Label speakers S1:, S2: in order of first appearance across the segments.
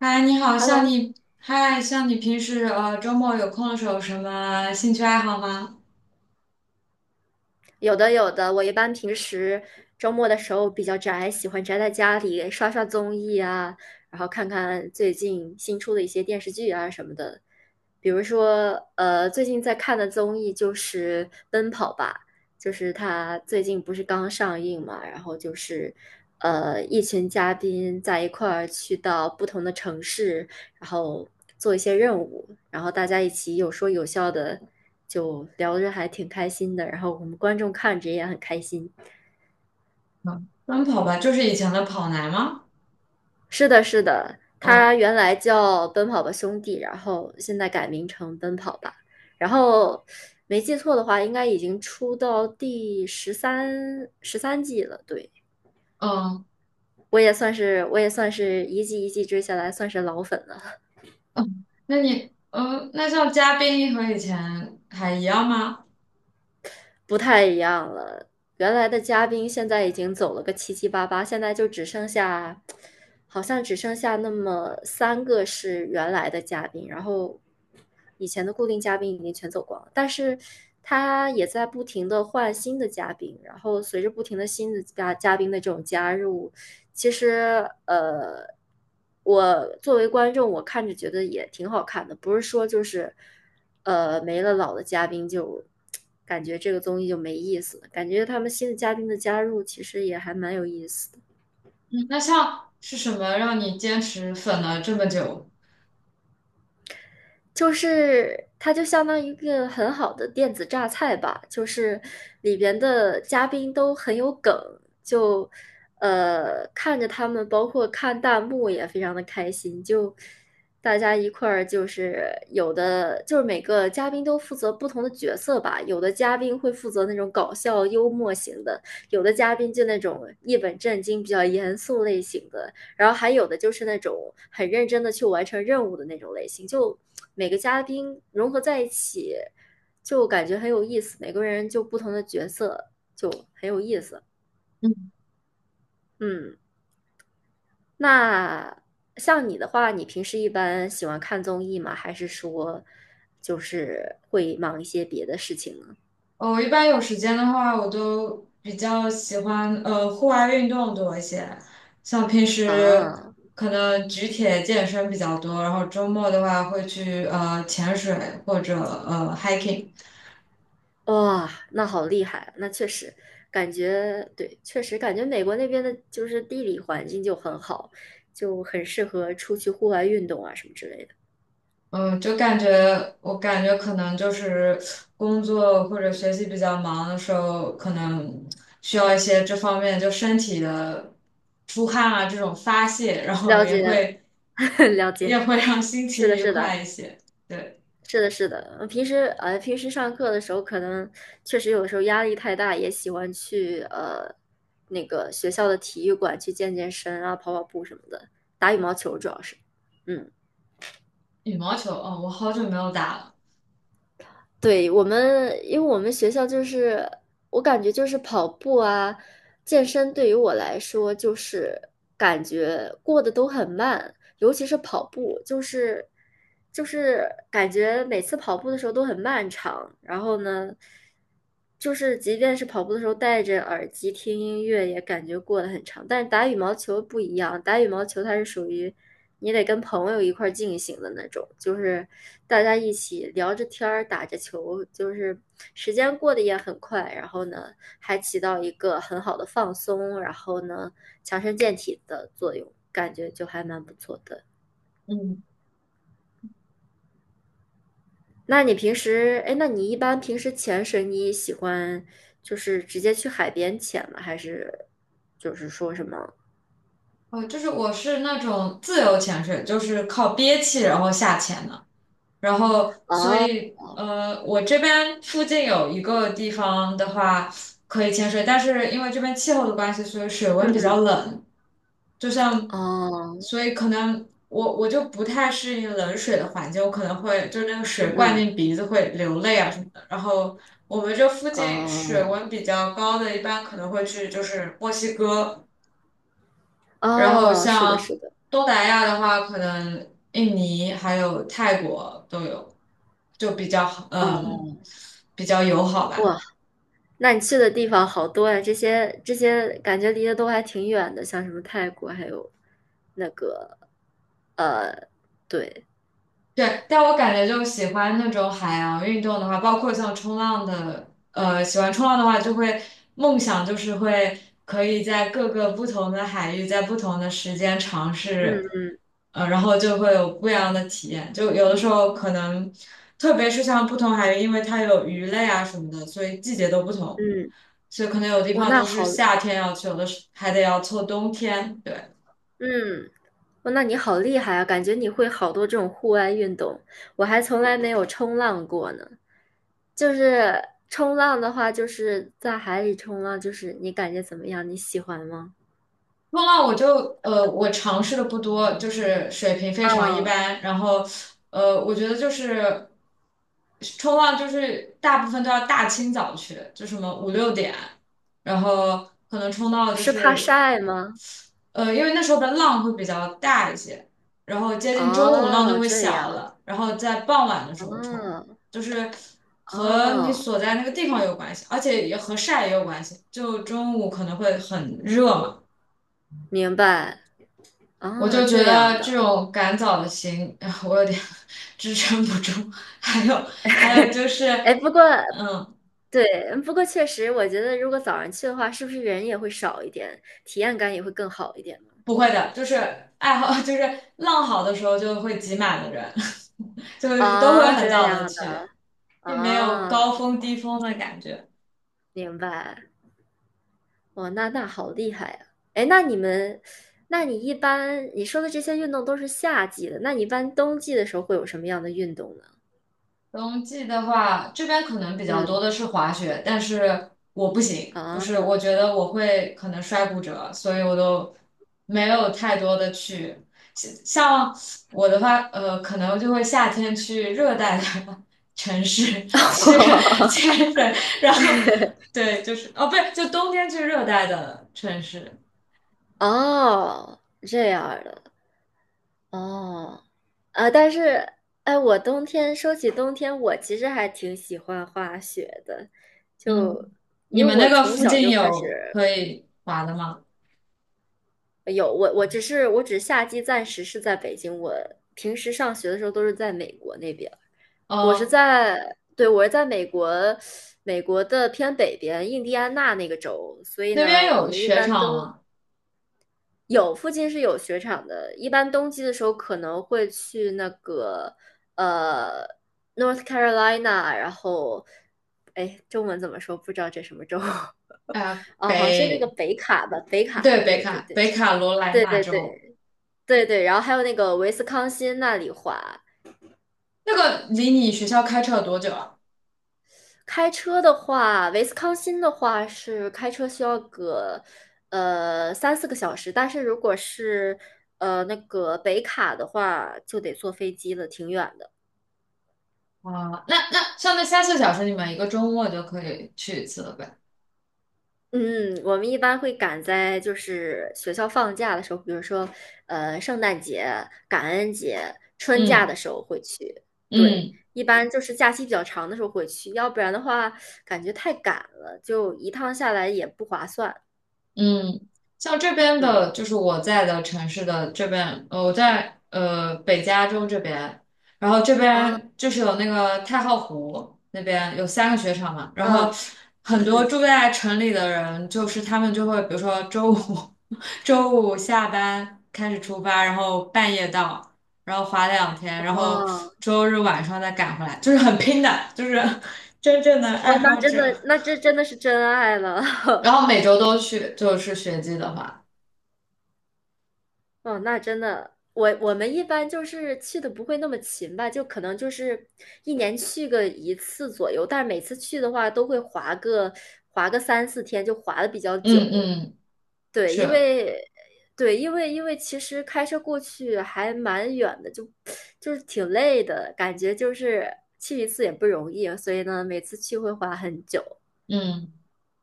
S1: 嗨，你好，
S2: Hello，
S1: 像你平时周末有空的时候有什么兴趣爱好吗？
S2: 有的有的，我一般平时周末的时候比较宅，喜欢宅在家里刷刷综艺啊，然后看看最近新出的一些电视剧啊什么的。比如说，最近在看的综艺就是《奔跑吧》，就是它最近不是刚上映嘛，然后就是一群嘉宾在一块儿去到不同的城市，然后做一些任务，然后大家一起有说有笑的。就聊着还挺开心的，然后我们观众看着也很开心。
S1: 嗯，奔跑吧，就是以前的跑男吗？
S2: 是的，是的，
S1: 哦，
S2: 他原来叫《奔跑吧兄弟》，然后现在改名成《奔跑吧》，然后没记错的话，应该已经出到第十三十三季了。对，
S1: 嗯
S2: 我也算是一季一季追下来，算是老粉了。
S1: 嗯，那像嘉宾和以前还一样吗？
S2: 不太一样了。原来的嘉宾现在已经走了个七七八八，现在就只剩下，好像只剩下那么三个是原来的嘉宾，然后以前的固定嘉宾已经全走光了。但是他也在不停的换新的嘉宾，然后随着不停的新的嘉宾的这种加入，其实我作为观众，我看着觉得也挺好看的，不是说就是没了老的嘉宾就感觉这个综艺就没意思了，感觉他们新的嘉宾的加入其实也还蛮有意思的。
S1: 嗯，那像是什么让你坚持粉了这么久？
S2: 就是它就相当于一个很好的电子榨菜吧，就是里边的嘉宾都很有梗，就看着他们，包括看弹幕也非常的开心，就大家一块儿就是有的就是每个嘉宾都负责不同的角色吧，有的嘉宾会负责那种搞笑幽默型的，有的嘉宾就那种一本正经比较严肃类型的，然后还有的就是那种很认真的去完成任务的那种类型，就每个嘉宾融合在一起，就感觉很有意思。每个人就不同的角色，就很有意思。嗯，那像你的话，你平时一般喜欢看综艺吗？还是说就是会忙一些别的事情呢？
S1: 呃我一般有时间的话，我都比较喜欢户外运动多一些，像平时
S2: 啊，
S1: 可能举铁健身比较多，然后周末的话会去潜水或者hiking，
S2: 哇，那好厉害啊！那确实，感觉对，确实感觉美国那边的就是地理环境就很好，就很适合出去户外运动啊什么之类的。
S1: 嗯，就感觉我感觉可能就是工作或者学习比较忙的时候，可能需要一些这方面就身体的出汗啊这种发泄，然后
S2: 了
S1: 也
S2: 解，
S1: 会
S2: 了
S1: 也
S2: 解，
S1: 会让心情
S2: 是的，
S1: 愉
S2: 是
S1: 快
S2: 的，
S1: 一些，对。
S2: 是的，是的。平时上课的时候，可能确实有时候压力太大，也喜欢去那个学校的体育馆去健健身啊，跑跑步什么的，打羽毛球主要是，嗯。
S1: 羽毛球，哦，我好久没有打了。
S2: 对，我们，因为我们学校就是，我感觉就是跑步啊、健身对于我来说，就是感觉过得都很慢，尤其是跑步，就是感觉每次跑步的时候都很漫长，然后呢，就是即便是跑步的时候戴着耳机听音乐，也感觉过得很长。但是打羽毛球不一样，打羽毛球它是属于你得跟朋友一块儿进行的那种，就是大家一起聊着天儿，打着球，就是时间过得也很快，然后呢，还起到一个很好的放松，然后呢。强身健体的作用，感觉就还蛮不错的。
S1: 嗯，
S2: 那你平时，哎，那你一般平时潜水，你喜欢就是直接去海边潜吗？还是就是说什么？
S1: 哦，就是我是那种自由潜水，就是靠憋气然后下潜的。然后，所
S2: 哦，
S1: 以呃，我这边附近有一个地方的话可以潜水，但是因为这边气候的关系，所以水
S2: 嗯
S1: 温比较
S2: 嗯，
S1: 冷。就像，
S2: 哦，
S1: 所以可能我就不太适应冷水的环境，我可能会就是那个
S2: 嗯
S1: 水灌
S2: 嗯，
S1: 进鼻子会流泪啊什么的。然后我们这附近水
S2: 哦，
S1: 温比较高的，一般可能会去就是墨西哥，然后
S2: 哦，是的，
S1: 像
S2: 是的，
S1: 东南亚的话，可能印尼还有泰国都有，就比较好，嗯，
S2: 哦，
S1: 比较友好吧。
S2: 哇，那你去的地方好多呀，这些这些感觉离得都还挺远的，像什么泰国，还有那个，对，
S1: 对，但我感觉就喜欢那种海洋运动的话，包括像冲浪的，呃，喜欢冲浪的话，就会梦想就是会可以在各个不同的海域，在不同的时间尝试，
S2: 嗯
S1: 呃，然后就会有不一样的体验。就有的时候可能，特别是像不同海域，因为它有鱼类啊什么的，所以季节都不同，
S2: 嗯，
S1: 所以可能有地
S2: 哇，
S1: 方
S2: 那
S1: 就是
S2: 好，
S1: 夏天要去，有的是还得要凑冬天。对。
S2: 嗯。哦，那你好厉害啊！感觉你会好多这种户外运动，我还从来没有冲浪过呢。就是冲浪的话，就是在海里冲浪，就是你感觉怎么样？你喜欢吗？
S1: 冲浪我就呃，我尝试的不多，就是水平非常一
S2: 嗯，
S1: 般。然后我觉得就是冲浪，就是大部分都要大清早去，就什么5、6点，然后可能冲到就
S2: 是怕
S1: 是
S2: 晒吗？
S1: 因为那时候的浪会比较大一些，然后接近中午浪就
S2: 哦，
S1: 会
S2: 这
S1: 小
S2: 样，
S1: 了，然后在傍晚的时候冲，
S2: 哦
S1: 就是和你
S2: 哦，
S1: 所在那个地方有关系，而且也和晒也有关系。就中午可能会很热嘛。
S2: 明白，
S1: 我
S2: 哦，
S1: 就觉
S2: 这样
S1: 得这
S2: 的。
S1: 种赶早的行，哎我有点 支撑不住。还有，还有就是，
S2: 哎，不过
S1: 嗯，
S2: 对，不过确实，我觉得如果早上去的话，是不是人也会少一点，体验感也会更好一点呢？
S1: 不会的，就是爱好，就是浪好的时候就会挤满的人，就是都会
S2: 啊，
S1: 很
S2: 这
S1: 早的
S2: 样的
S1: 去，并没有高
S2: 啊。哦
S1: 峰低峰的感觉。
S2: 明白，哇，那那好厉害呀！哎，那你们，那你一般你说的这些运动都是夏季的，那你一般冬季的时候会有什么样的运动呢？
S1: 冬季的话，这边可能比较多
S2: 嗯，
S1: 的是滑雪，但是我不行，就
S2: 啊，
S1: 是我觉得我会可能摔骨折，所以我都没有太多的去。像像我的话，呃，可能就会夏天去热带的 城市去 潜水，然后对，就是哦，不是，就冬天去热带的城市。
S2: 哦，这样儿的，哦，啊，但是，哎，我冬天说起冬天，我其实还挺喜欢滑雪的，
S1: 嗯，
S2: 就
S1: 你
S2: 因为
S1: 们那
S2: 我
S1: 个
S2: 从
S1: 附
S2: 小
S1: 近
S2: 就开
S1: 有
S2: 始
S1: 可以滑的吗？
S2: 有我，我只是我只夏季暂时是在北京，我平时上学的时候都是在美国那边。我是
S1: 呃，
S2: 在，对，我是在美国，美国的偏北边，印第安纳那个州，所以
S1: 那边
S2: 呢，我
S1: 有
S2: 们一
S1: 雪
S2: 般
S1: 场
S2: 冬
S1: 吗？
S2: 有附近是有雪场的，一般冬季的时候可能会去那个呃 North Carolina，然后哎，中文怎么说？不知道这什么州
S1: 哎呀
S2: 哦，好像是那个
S1: 北
S2: 北卡吧，北卡，
S1: 对，北
S2: 对对
S1: 卡
S2: 对
S1: 北卡罗来
S2: 对
S1: 纳
S2: 对
S1: 州，
S2: 对对对，然后还有那个维斯康辛那里滑，
S1: 那个离你学校开车有多久啊？
S2: 开车的话，维斯康星的话是开车需要个3、4个小时，但是如果是那个北卡的话，就得坐飞机了，挺远的。
S1: 啊，那那像那3、4个小时，你们一个周末就可以去一次了呗？
S2: 嗯，我们一般会赶在就是学校放假的时候，比如说圣诞节、感恩节、春假
S1: 嗯
S2: 的时候会去。对，
S1: 嗯。
S2: 一般就是假期比较长的时候会去，要不然的话感觉太赶了，就一趟下来也不划算。
S1: 嗯，像这边
S2: 嗯
S1: 的，就是我在的城市的这边，呃，我在呃北加州这边，然后这边就是有那个太浩湖那边有3个雪场嘛，然后
S2: 嗯嗯
S1: 很多
S2: 嗯。
S1: 住在城里的人，就是他们就会，比如说周五 周五下班开始出发，然后半夜到，然后滑2天，然后
S2: 哦
S1: 周日晚上再赶回来，就是很拼的，就是 真正的
S2: 哦，
S1: 爱好
S2: 那真
S1: 者。
S2: 的，那这真的是真爱了。
S1: 然 后每周都去，就是雪季的话。
S2: 哦，那真的，我我们一般就是去的不会那么勤吧，就可能就是一年去个一次左右，但是每次去的话都会滑个3、4天，就滑的比较久。
S1: 嗯嗯，
S2: 对，因
S1: 是，
S2: 为对，因为其实开车过去还蛮远的，就就是挺累的，感觉就是去一次也不容易，所以呢，每次去会滑很久。
S1: 嗯，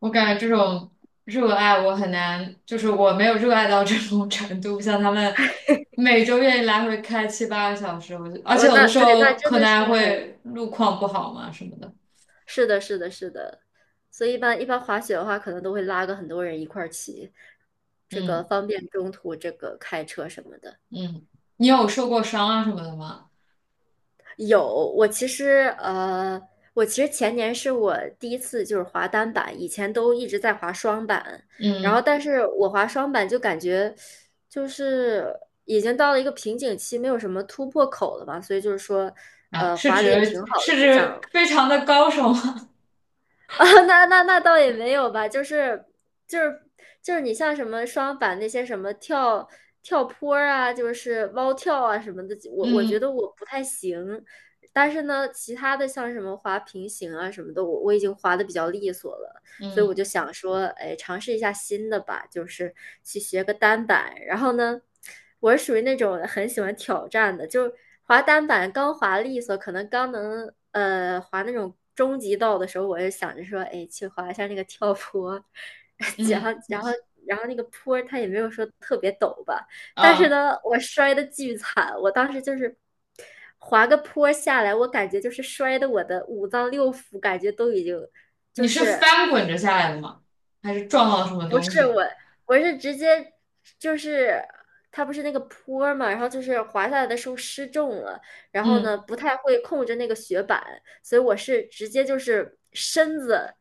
S1: 我感觉这种热爱我很难，就是我没有热爱到这种 程度，像他们每周愿意来回开7、8个小时，我就，而且
S2: 我
S1: 有
S2: 那
S1: 的时
S2: 对，那
S1: 候
S2: 真
S1: 可
S2: 的
S1: 能
S2: 是
S1: 还
S2: 很。
S1: 会路况不好嘛什么的，
S2: 是的，是的，是的，所以一般一般滑雪的话，可能都会拉个很多人一块儿骑，这个
S1: 嗯
S2: 方便中途这个开车什么的。
S1: 嗯，你有受过伤啊什么的吗？
S2: 有，我其实呃，我其实前年是我第一次就是滑单板，以前都一直在滑双板，然后
S1: 嗯
S2: 但是我滑双板就感觉就是已经到了一个瓶颈期，没有什么突破口了嘛，所以就是说，
S1: 啊，是
S2: 滑的也挺
S1: 指
S2: 好的，
S1: 是
S2: 就
S1: 指
S2: 想
S1: 非常的高手吗？
S2: 啊，那倒也没有吧，就是就是你像什么双板那些什么跳坡儿啊，就是蛙跳啊什么的，我我觉
S1: 嗯
S2: 得我不太行。但是呢，其他的像什么滑平行啊什么的，我我已经滑的比较利索了。所以我
S1: 嗯
S2: 就想说，哎，尝试一下新的吧，就是去学个单板。然后呢，我是属于那种很喜欢挑战的，就滑单板刚滑利索，可能刚能滑那种终极道的时候，我就想着说，哎，去滑一下那个跳坡，然后
S1: 嗯
S2: 然后然后那个坡它也没有说特别陡吧，但是
S1: 啊，
S2: 呢，我摔的巨惨，我当时就是。滑个坡下来，我感觉就是摔的我的五脏六腑感觉都已经
S1: 你
S2: 就
S1: 是
S2: 是
S1: 翻滚着下来的吗？还是撞到了什么
S2: 不
S1: 东
S2: 是
S1: 西？
S2: 我，是直接就是它不是那个坡儿嘛，然后就是滑下来的时候失重了，然后呢
S1: 嗯。
S2: 不太会控制那个雪板，所以我是直接就是身子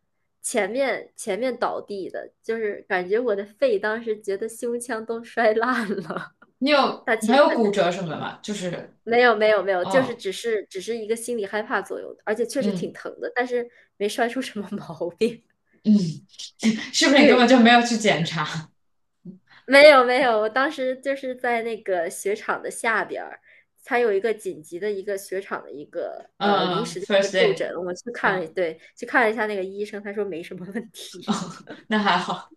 S2: 前面倒地的，就是感觉我的肺当时觉得胸腔都摔烂了。
S1: 你有
S2: 那其
S1: 没
S2: 实
S1: 有骨
S2: 对
S1: 折什么的吗？就是，
S2: 没有没有没有，就是
S1: 哦，
S2: 只是一个心理害怕作用的，而且确实挺
S1: 嗯
S2: 疼的，但是没摔出什么毛病。
S1: 嗯，是 不是你根本
S2: 对。
S1: 就没有去检查？
S2: 没有没有，我当时就是在那个雪场的下边儿，它有一个紧急的一个雪场的一个临
S1: 嗯嗯
S2: 时的一个
S1: ，first d
S2: 就
S1: a y
S2: 诊，我去看了，
S1: 嗯，
S2: 对，去看了一下那个医生，他说没什么问
S1: 哦，
S2: 题，
S1: 那还好，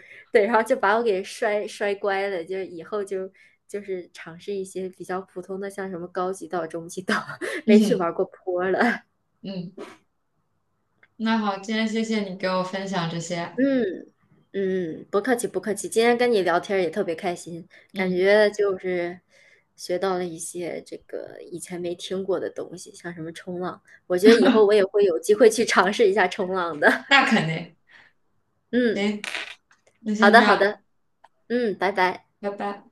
S2: 对，然后就把我给摔乖了，就是以后就是尝试一些比较普通的，像什么高级道、中级道，没去
S1: 嗯
S2: 玩过坡了，
S1: 嗯，那好，今天谢谢你给我分享这些，
S2: 嗯。嗯，不客气不客气，今天跟你聊天儿也特别开心，感
S1: 嗯，
S2: 觉就是学到了一些这个以前没听过的东西，像什么冲浪，我觉得以后我也会有机会去尝试一下冲浪的。
S1: 那肯定，
S2: 嗯，
S1: 行，那
S2: 好
S1: 先这
S2: 的好的，
S1: 样，
S2: 嗯，拜拜。
S1: 拜拜。